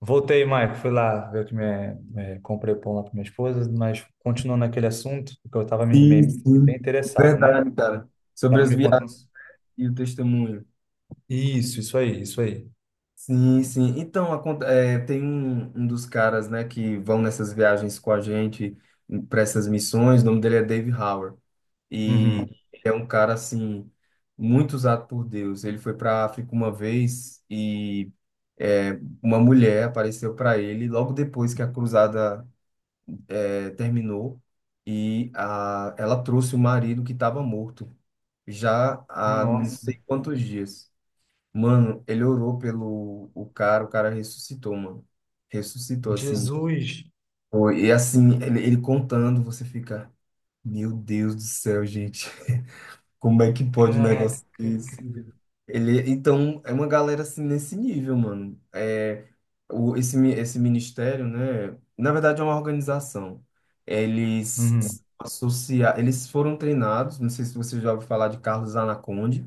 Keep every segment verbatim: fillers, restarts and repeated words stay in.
Voltei, Maico, fui lá ver o que me eh, comprei pão lá para minha esposa, mas continuando naquele assunto, porque eu estava Sim, bem sim. interessado, né? Verdade, cara. Sobre Tava as me viagens contando. e o testemunho. Isso, isso aí, isso aí. Sim, sim. Então, acon- é, tem um, um dos caras, né, que vão nessas viagens com a gente para essas missões. O nome dele é Dave Howard. E Uhum. ele é um cara, assim, muito usado por Deus. Ele foi para África uma vez e é, uma mulher apareceu para ele logo depois que a cruzada eh, terminou e a, ela trouxe o marido que estava morto já há não Nossa, sei quantos dias. Mano, ele orou pelo o cara, o cara ressuscitou, mano. Ressuscitou, assim. Jesus! Foi- E assim, ele, ele contando, você fica, meu Deus do céu, gente, como é que pode um Caraca, negócio que desse? incrível. Ele, então, é uma galera assim nesse nível, mano. É, o, esse, mi- esse ministério, né? Na verdade, é uma organização. Eles Uhum. associa, eles foram treinados, não sei se você já ouviu falar de Carlos Anaconda,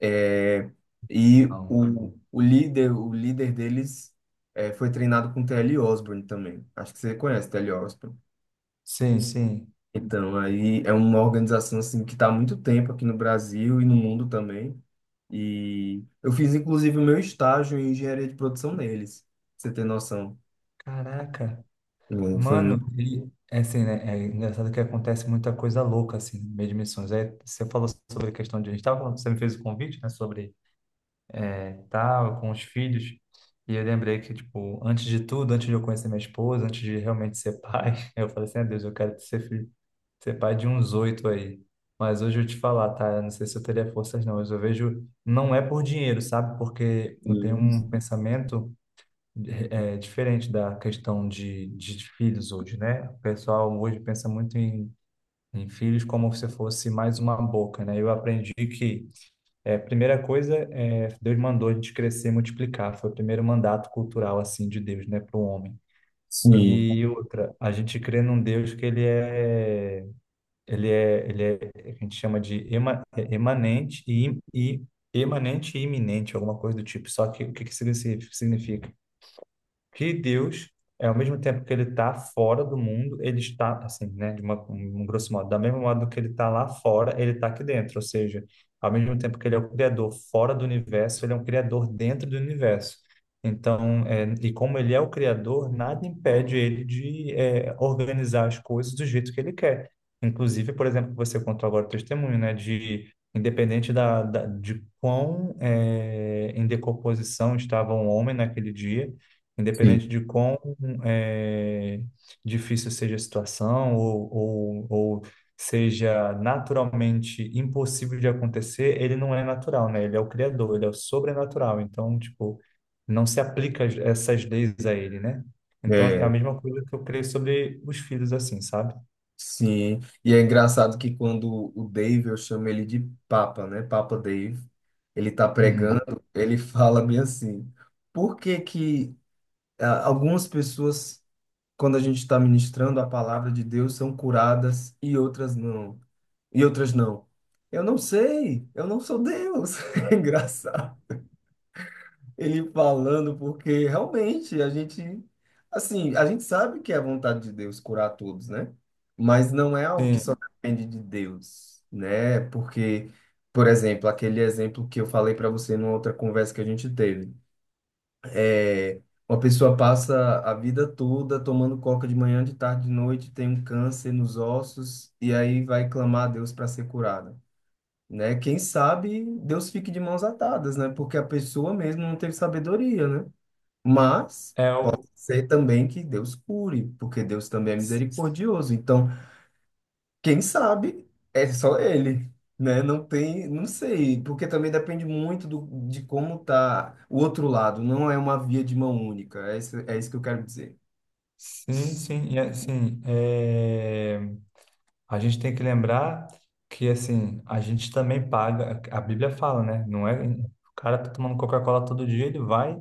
é, e Não. o, o líder, o líder deles é, foi treinado com T L. Osborne também. Acho que você conhece T L. Osborne. Sim, sim. Então, aí é uma organização assim que está há muito tempo aqui no Brasil e no mundo também. E eu fiz, inclusive, o meu estágio em engenharia de produção neles, pra você ter noção. Caraca. Hum, Foi Mano, muito. e é assim, né? É engraçado que acontece muita coisa louca, assim, no meio de missões. Aí você falou sobre a questão de. A gente estava falando, você me fez o convite, né? Sobre tal, com os filhos. E eu lembrei que, tipo, antes de tudo, antes de eu conhecer minha esposa, antes de realmente ser pai, eu falei assim, ah, Deus, eu quero ser filho, ser pai de uns oito aí. Mas hoje eu te falar, tá? Eu não sei se eu teria forças, não. Mas eu vejo, não é por dinheiro, sabe? Porque eu tenho um pensamento é, diferente da questão de, de filhos hoje, né? O pessoal hoje pensa muito em, em filhos como se fosse mais uma boca, né? Eu aprendi que é, primeira coisa, é, Deus mandou a gente crescer e multiplicar. Foi o primeiro mandato cultural assim de Deus, né, para o homem. Sim, E outra, a gente crê num Deus que ele é, ele é, ele é, a gente chama de ema, é, emanente e, im- e emanente e iminente, alguma coisa do tipo. Só que o que que significa? Que Deus, é, ao mesmo tempo que ele está fora do mundo, ele está, assim, né, de uma, um um grosso modo, da mesma modo que ele está lá fora, ele está aqui dentro. Ou seja, ao mesmo tempo que ele é o criador fora do universo, ele é um criador dentro do universo. Então, é, e como ele é o criador, nada impede ele de é, organizar as coisas do jeito que ele quer. Inclusive, por exemplo, você contou agora o testemunho, né, de independente da, da- de quão é, em decomposição estava o homem naquele dia. sim, Independente de quão eh, difícil seja a situação ou, ou, ou seja naturalmente impossível de acontecer, ele não é natural, né? Ele é o criador, ele é o sobrenatural. Então, tipo, não se aplica as- essas leis a ele, né? Então, é a é, mesma coisa que eu creio sobre os filhos, assim, sabe? sim. E é engraçado que quando o Dave, eu chamo ele de Papa, né? Papa Dave, ele tá Uhum. pregando, ele fala bem assim: por que que ah, algumas pessoas, quando a gente está ministrando a palavra de Deus, são curadas e outras não? E outras não? Eu não sei, eu não sou Deus. É engraçado. Ele falando, porque realmente a gente, assim, a gente sabe que é a vontade de Deus curar todos, né? Mas não é algo que só Sim, depende de Deus, né? Porque, por exemplo, aquele exemplo que eu falei para você numa outra conversa que a gente teve, é uma pessoa passa a vida toda tomando coca de manhã, de tarde, de noite, tem um câncer nos ossos e aí vai clamar a Deus para ser curada. Né? Quem sabe Deus fique de mãos atadas, né? Porque a pessoa mesmo não teve sabedoria, né? Mas é o... sei também que Deus cure, porque Deus também é misericordioso. Então, quem sabe é só ele, né? Não tem, não sei, porque também depende muito do, de como tá o outro lado. Não é uma via de mão única. É isso, é isso que eu quero dizer. Sim, sim, e assim, é... A gente tem que lembrar que, assim, a gente também paga. A Bíblia fala, né? Não é. O cara tá tomando Coca-Cola todo dia, ele vai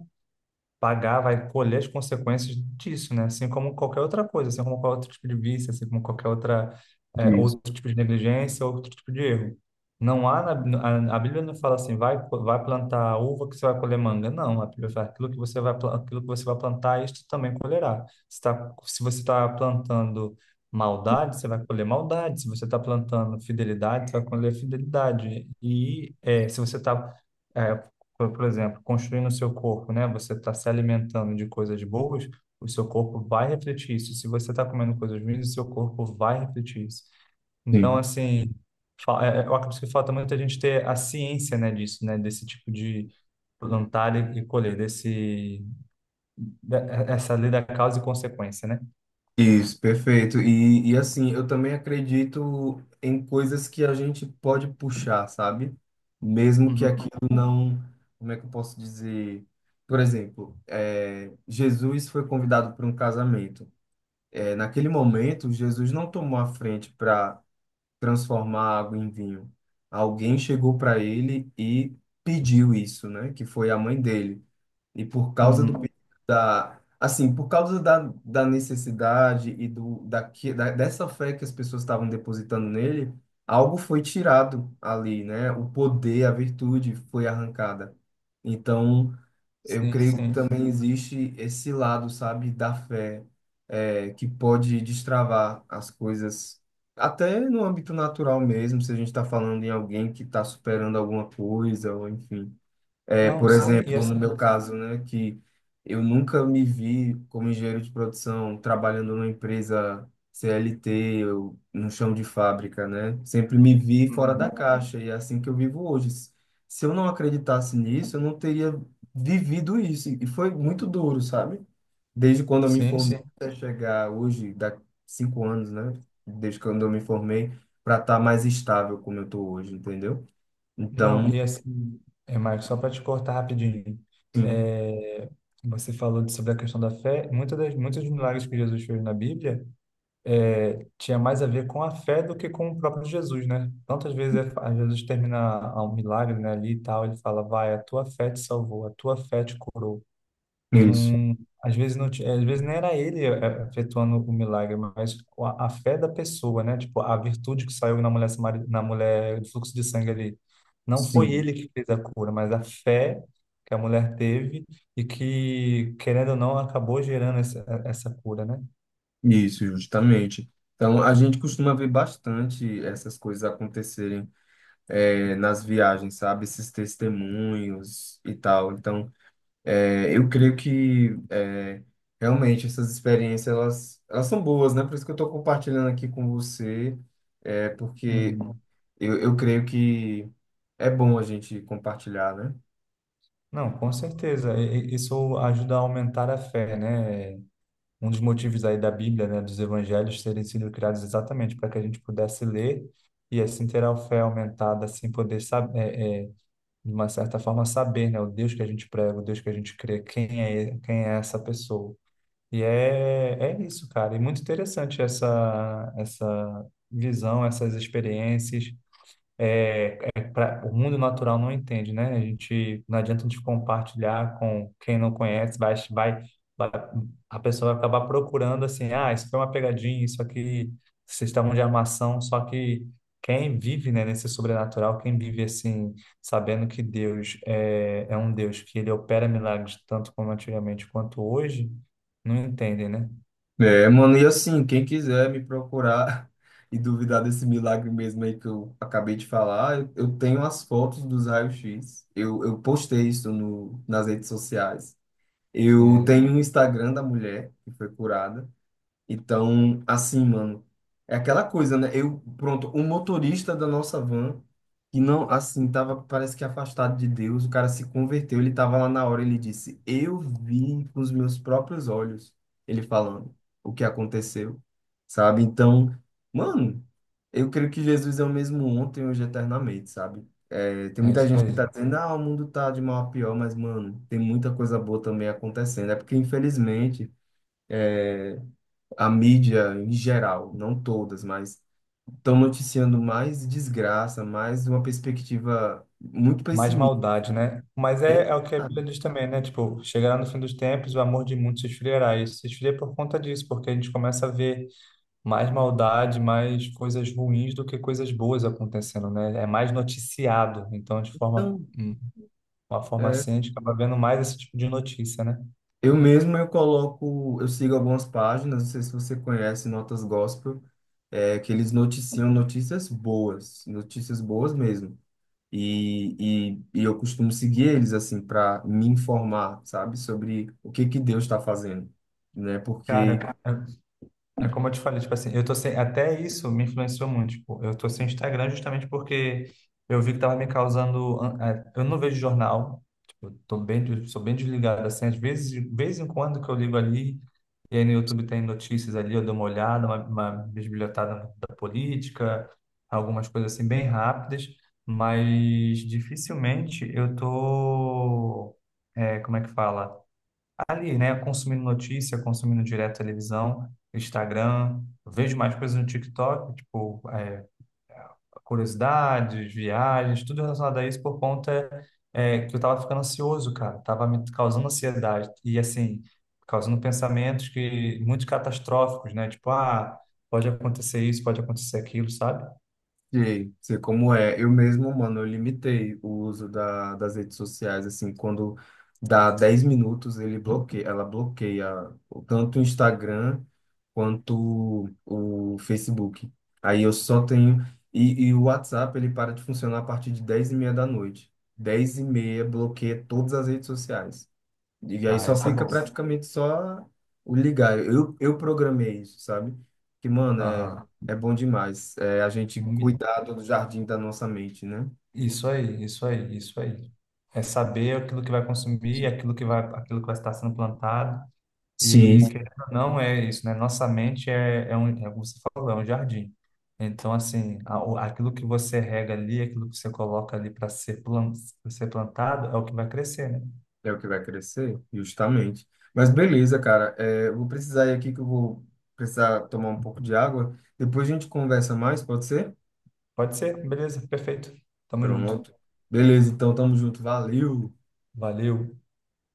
pagar, vai colher as consequências disso, né? Assim como qualquer outra coisa, assim como qualquer outro tipo de vício, assim como qualquer outra, é, Isso. outro tipo de negligência, outro tipo de erro. Não há, na- a, a Bíblia não fala assim, vai, co- vai plantar uva que você vai colher manga. Não, a Bíblia fala, aquilo que você vai, pla- aquilo que você vai plantar, isto também colherá. Se, tá, se você está plantando maldade, você vai colher maldade. Se você está plantando fidelidade, você vai colher fidelidade. E é, se você está por por exemplo, construindo o seu corpo, né? Você está se alimentando de coisas boas, o seu corpo vai refletir isso. Se você está comendo coisas ruins, o seu corpo vai refletir isso. Então, Sim. assim, fa- é- é- eu acredito que falta muito a gente ter a ciência, né, disso, né? Desse tipo de plantar e e colher, desse, da- essa lei da causa e consequência, né? Isso, perfeito. E, e assim, eu também acredito em coisas que a gente pode puxar, sabe? Mesmo que aquilo Uhum, não. Como é que eu posso dizer? Por exemplo, é, Jesus foi convidado para um casamento. É, naquele momento, Jesus não tomou a frente para transformar água em vinho. Alguém chegou para ele e pediu isso, né? Que foi a mãe dele. E por causa do uhum, perigo da, assim, por causa da, da necessidade e do da, que- da dessa fé que as pessoas estavam depositando nele, algo foi tirado ali, né? O poder, a virtude foi arrancada. Então, eu sim, creio que sim. também existe esse lado, sabe, da fé, é, que pode destravar as coisas, até no âmbito natural mesmo, se a gente está falando em alguém que está superando alguma coisa, ou enfim. É, Não, por sim, exemplo, e no meu assim, caso, né, que eu nunca me vi como engenheiro de produção trabalhando numa empresa C L T, eu, no chão de fábrica, né? Sempre me vi fora da uhum. caixa e é assim que eu vivo hoje. Se se eu não acreditasse nisso, eu não teria vivido isso. E foi muito duro, sabe? Desde quando eu me Sim, formei sim. até chegar hoje, dá cinco anos, né? Desde quando eu me formei, para estar mais estável como eu estou hoje, entendeu? Não, Então, e assim, é, Marcos, só para te cortar rapidinho, sim, é, você falou de- sobre a questão da fé, muitas das, muitos dos milagres que Jesus fez na Bíblia é, tinha mais a ver com a fé do que com o próprio Jesus, né? Tantas vezes é, fa- Jesus termina a- um milagre, né, ali e tal, ele fala, vai, a tua fé te salvou, a tua fé te curou. isso. Não, às vezes não, ti- às vezes nem era ele eh, efetuando o milagre, mas a, a fé da pessoa, né? Tipo, a virtude que saiu na mulher, samari- na mulher do fluxo de sangue ali. Não foi Sim. ele que fez a cura, mas a fé que a mulher teve e que, querendo ou não, acabou gerando essa, essa cura, né? Isso, justamente. Então, a gente costuma ver bastante essas coisas acontecerem eh, nas viagens, sabe? Esses testemunhos e tal. Então, eh, eu creio que eh, realmente essas experiências, elas, elas são boas, né? Por isso que eu estou compartilhando aqui com você, eh, porque Uhum. eu, eu creio que é bom a gente compartilhar, né? Não, com certeza. E- e- isso ajuda a aumentar a fé, né? Um dos motivos aí da Bíblia, né, dos evangelhos terem sido criados exatamente para que a gente pudesse ler e assim ter a fé aumentada, assim poder saber, é, é, de uma certa forma saber, né, o Deus que a gente prega, o Deus que a gente crê, quem é, quem é essa pessoa. E é, é isso, cara. E muito interessante essa, essa visão, essas experiências. É, pra, o mundo natural não entende, né? A gente não adianta a gente compartilhar com quem não conhece, vai, vai a pessoa vai acabar procurando assim, ah, isso foi uma pegadinha, isso aqui, vocês estavam de armação, só que quem vive, né, nesse sobrenatural, quem vive assim, sabendo que Deus é, é um Deus que ele opera milagres tanto como antigamente quanto hoje, não entendem, né? É, mano, e assim, quem quiser me procurar e duvidar desse milagre mesmo aí que eu acabei de falar, eu, eu tenho as fotos dos raios-x. Eu, eu postei isso no, nas redes sociais. Eu É, tenho um Instagram da mulher que foi curada. Então, assim, mano, é aquela coisa, né? Eu, pronto, o motorista da nossa van, que não, assim, tava, parece que afastado de Deus, o cara se converteu, ele tava lá na hora, ele disse, eu vi com os meus próprios olhos, ele falando o que aconteceu, sabe? Então, mano, eu creio que Jesus é o mesmo ontem, hoje, e eternamente, sabe? É, tem é muita isso gente que aí. tá dizendo, ah, o mundo tá de mal a pior, mas, mano, tem muita coisa boa também acontecendo. É porque, infelizmente, é, a mídia em geral, não todas, mas estão noticiando mais desgraça, mais uma perspectiva muito Mais pessimista. maldade, né? Mas É, é, é o que a ah, Bíblia diz também, né? Tipo, chegará no fim dos tempos, o amor de muitos se esfriará. Isso se esfria por conta disso, porque a gente começa a ver mais maldade, mais coisas ruins do que coisas boas acontecendo, né? É mais noticiado. Então, de forma, então, uma forma é, assim, a gente acaba vendo mais esse tipo de notícia, né? eu mesmo eu coloco, eu sigo algumas páginas, não sei se você conhece Notas Gospel, é, que eles noticiam notícias boas, notícias boas mesmo. E, e, e eu costumo seguir eles assim para me informar, sabe, sobre o que que Deus está fazendo, né? Porque Cara, é como eu te falei, tipo assim, eu tô sem, até isso me influenciou muito, tipo, eu tô sem Instagram justamente porque eu vi que tava me causando, an- a- eu não vejo jornal, tipo, eu tô bem, des- sou bem desligado, assim, às vezes, de vez em quando que eu ligo ali, e aí no YouTube tem notícias ali, eu dou uma olhada, uma, uma bisbilhotada da política, algumas coisas assim bem rápidas, mas dificilmente eu tô, é, como é que fala? Ali, né, consumindo notícia, consumindo direto televisão, Instagram, eu vejo mais coisas no TikTok, tipo, é, curiosidades, viagens, tudo relacionado a isso por conta é, que eu tava ficando ansioso, cara, tava me causando ansiedade e, assim, causando pensamentos que muito catastróficos, né, tipo, ah, pode acontecer isso, pode acontecer aquilo, sabe? sei, sei como é. Eu mesmo, mano, eu limitei o uso da, das redes sociais, assim, quando dá dez minutos, ele bloqueia, ela bloqueia o- tanto o Instagram quanto o Facebook. Aí eu só tenho. E, e o WhatsApp, ele para de funcionar a partir de dez e meia da noite. Dez e meia bloqueia todas as redes sociais. E aí Ah, só Ah, isso é fica mas bom. praticamente só o ligar. Eu, eu programei isso, sabe? Que, mano, é, Aham. é bom demais. É a gente Me- cuidar do jardim da nossa mente, né? Isso aí, isso aí, isso aí. É saber aquilo que vai consumir, aquilo que vai, aquilo que vai estar sendo plantado. Sim. E querendo ou não é isso, né? Nossa mente é, é um, é como você falou, é um jardim. Então, assim, a- o- aquilo que você rega ali, aquilo que você coloca ali para ser, plan- pra ser plantado, é o que vai crescer, né? É o que vai crescer, justamente. Mas beleza, cara. É, eu vou precisar ir aqui que eu vou precisar tomar um pouco de água. Depois a gente conversa mais, pode ser? Pode ser, beleza, perfeito. Tamo junto. Pronto. Beleza, então tamo junto. Valeu! Valeu.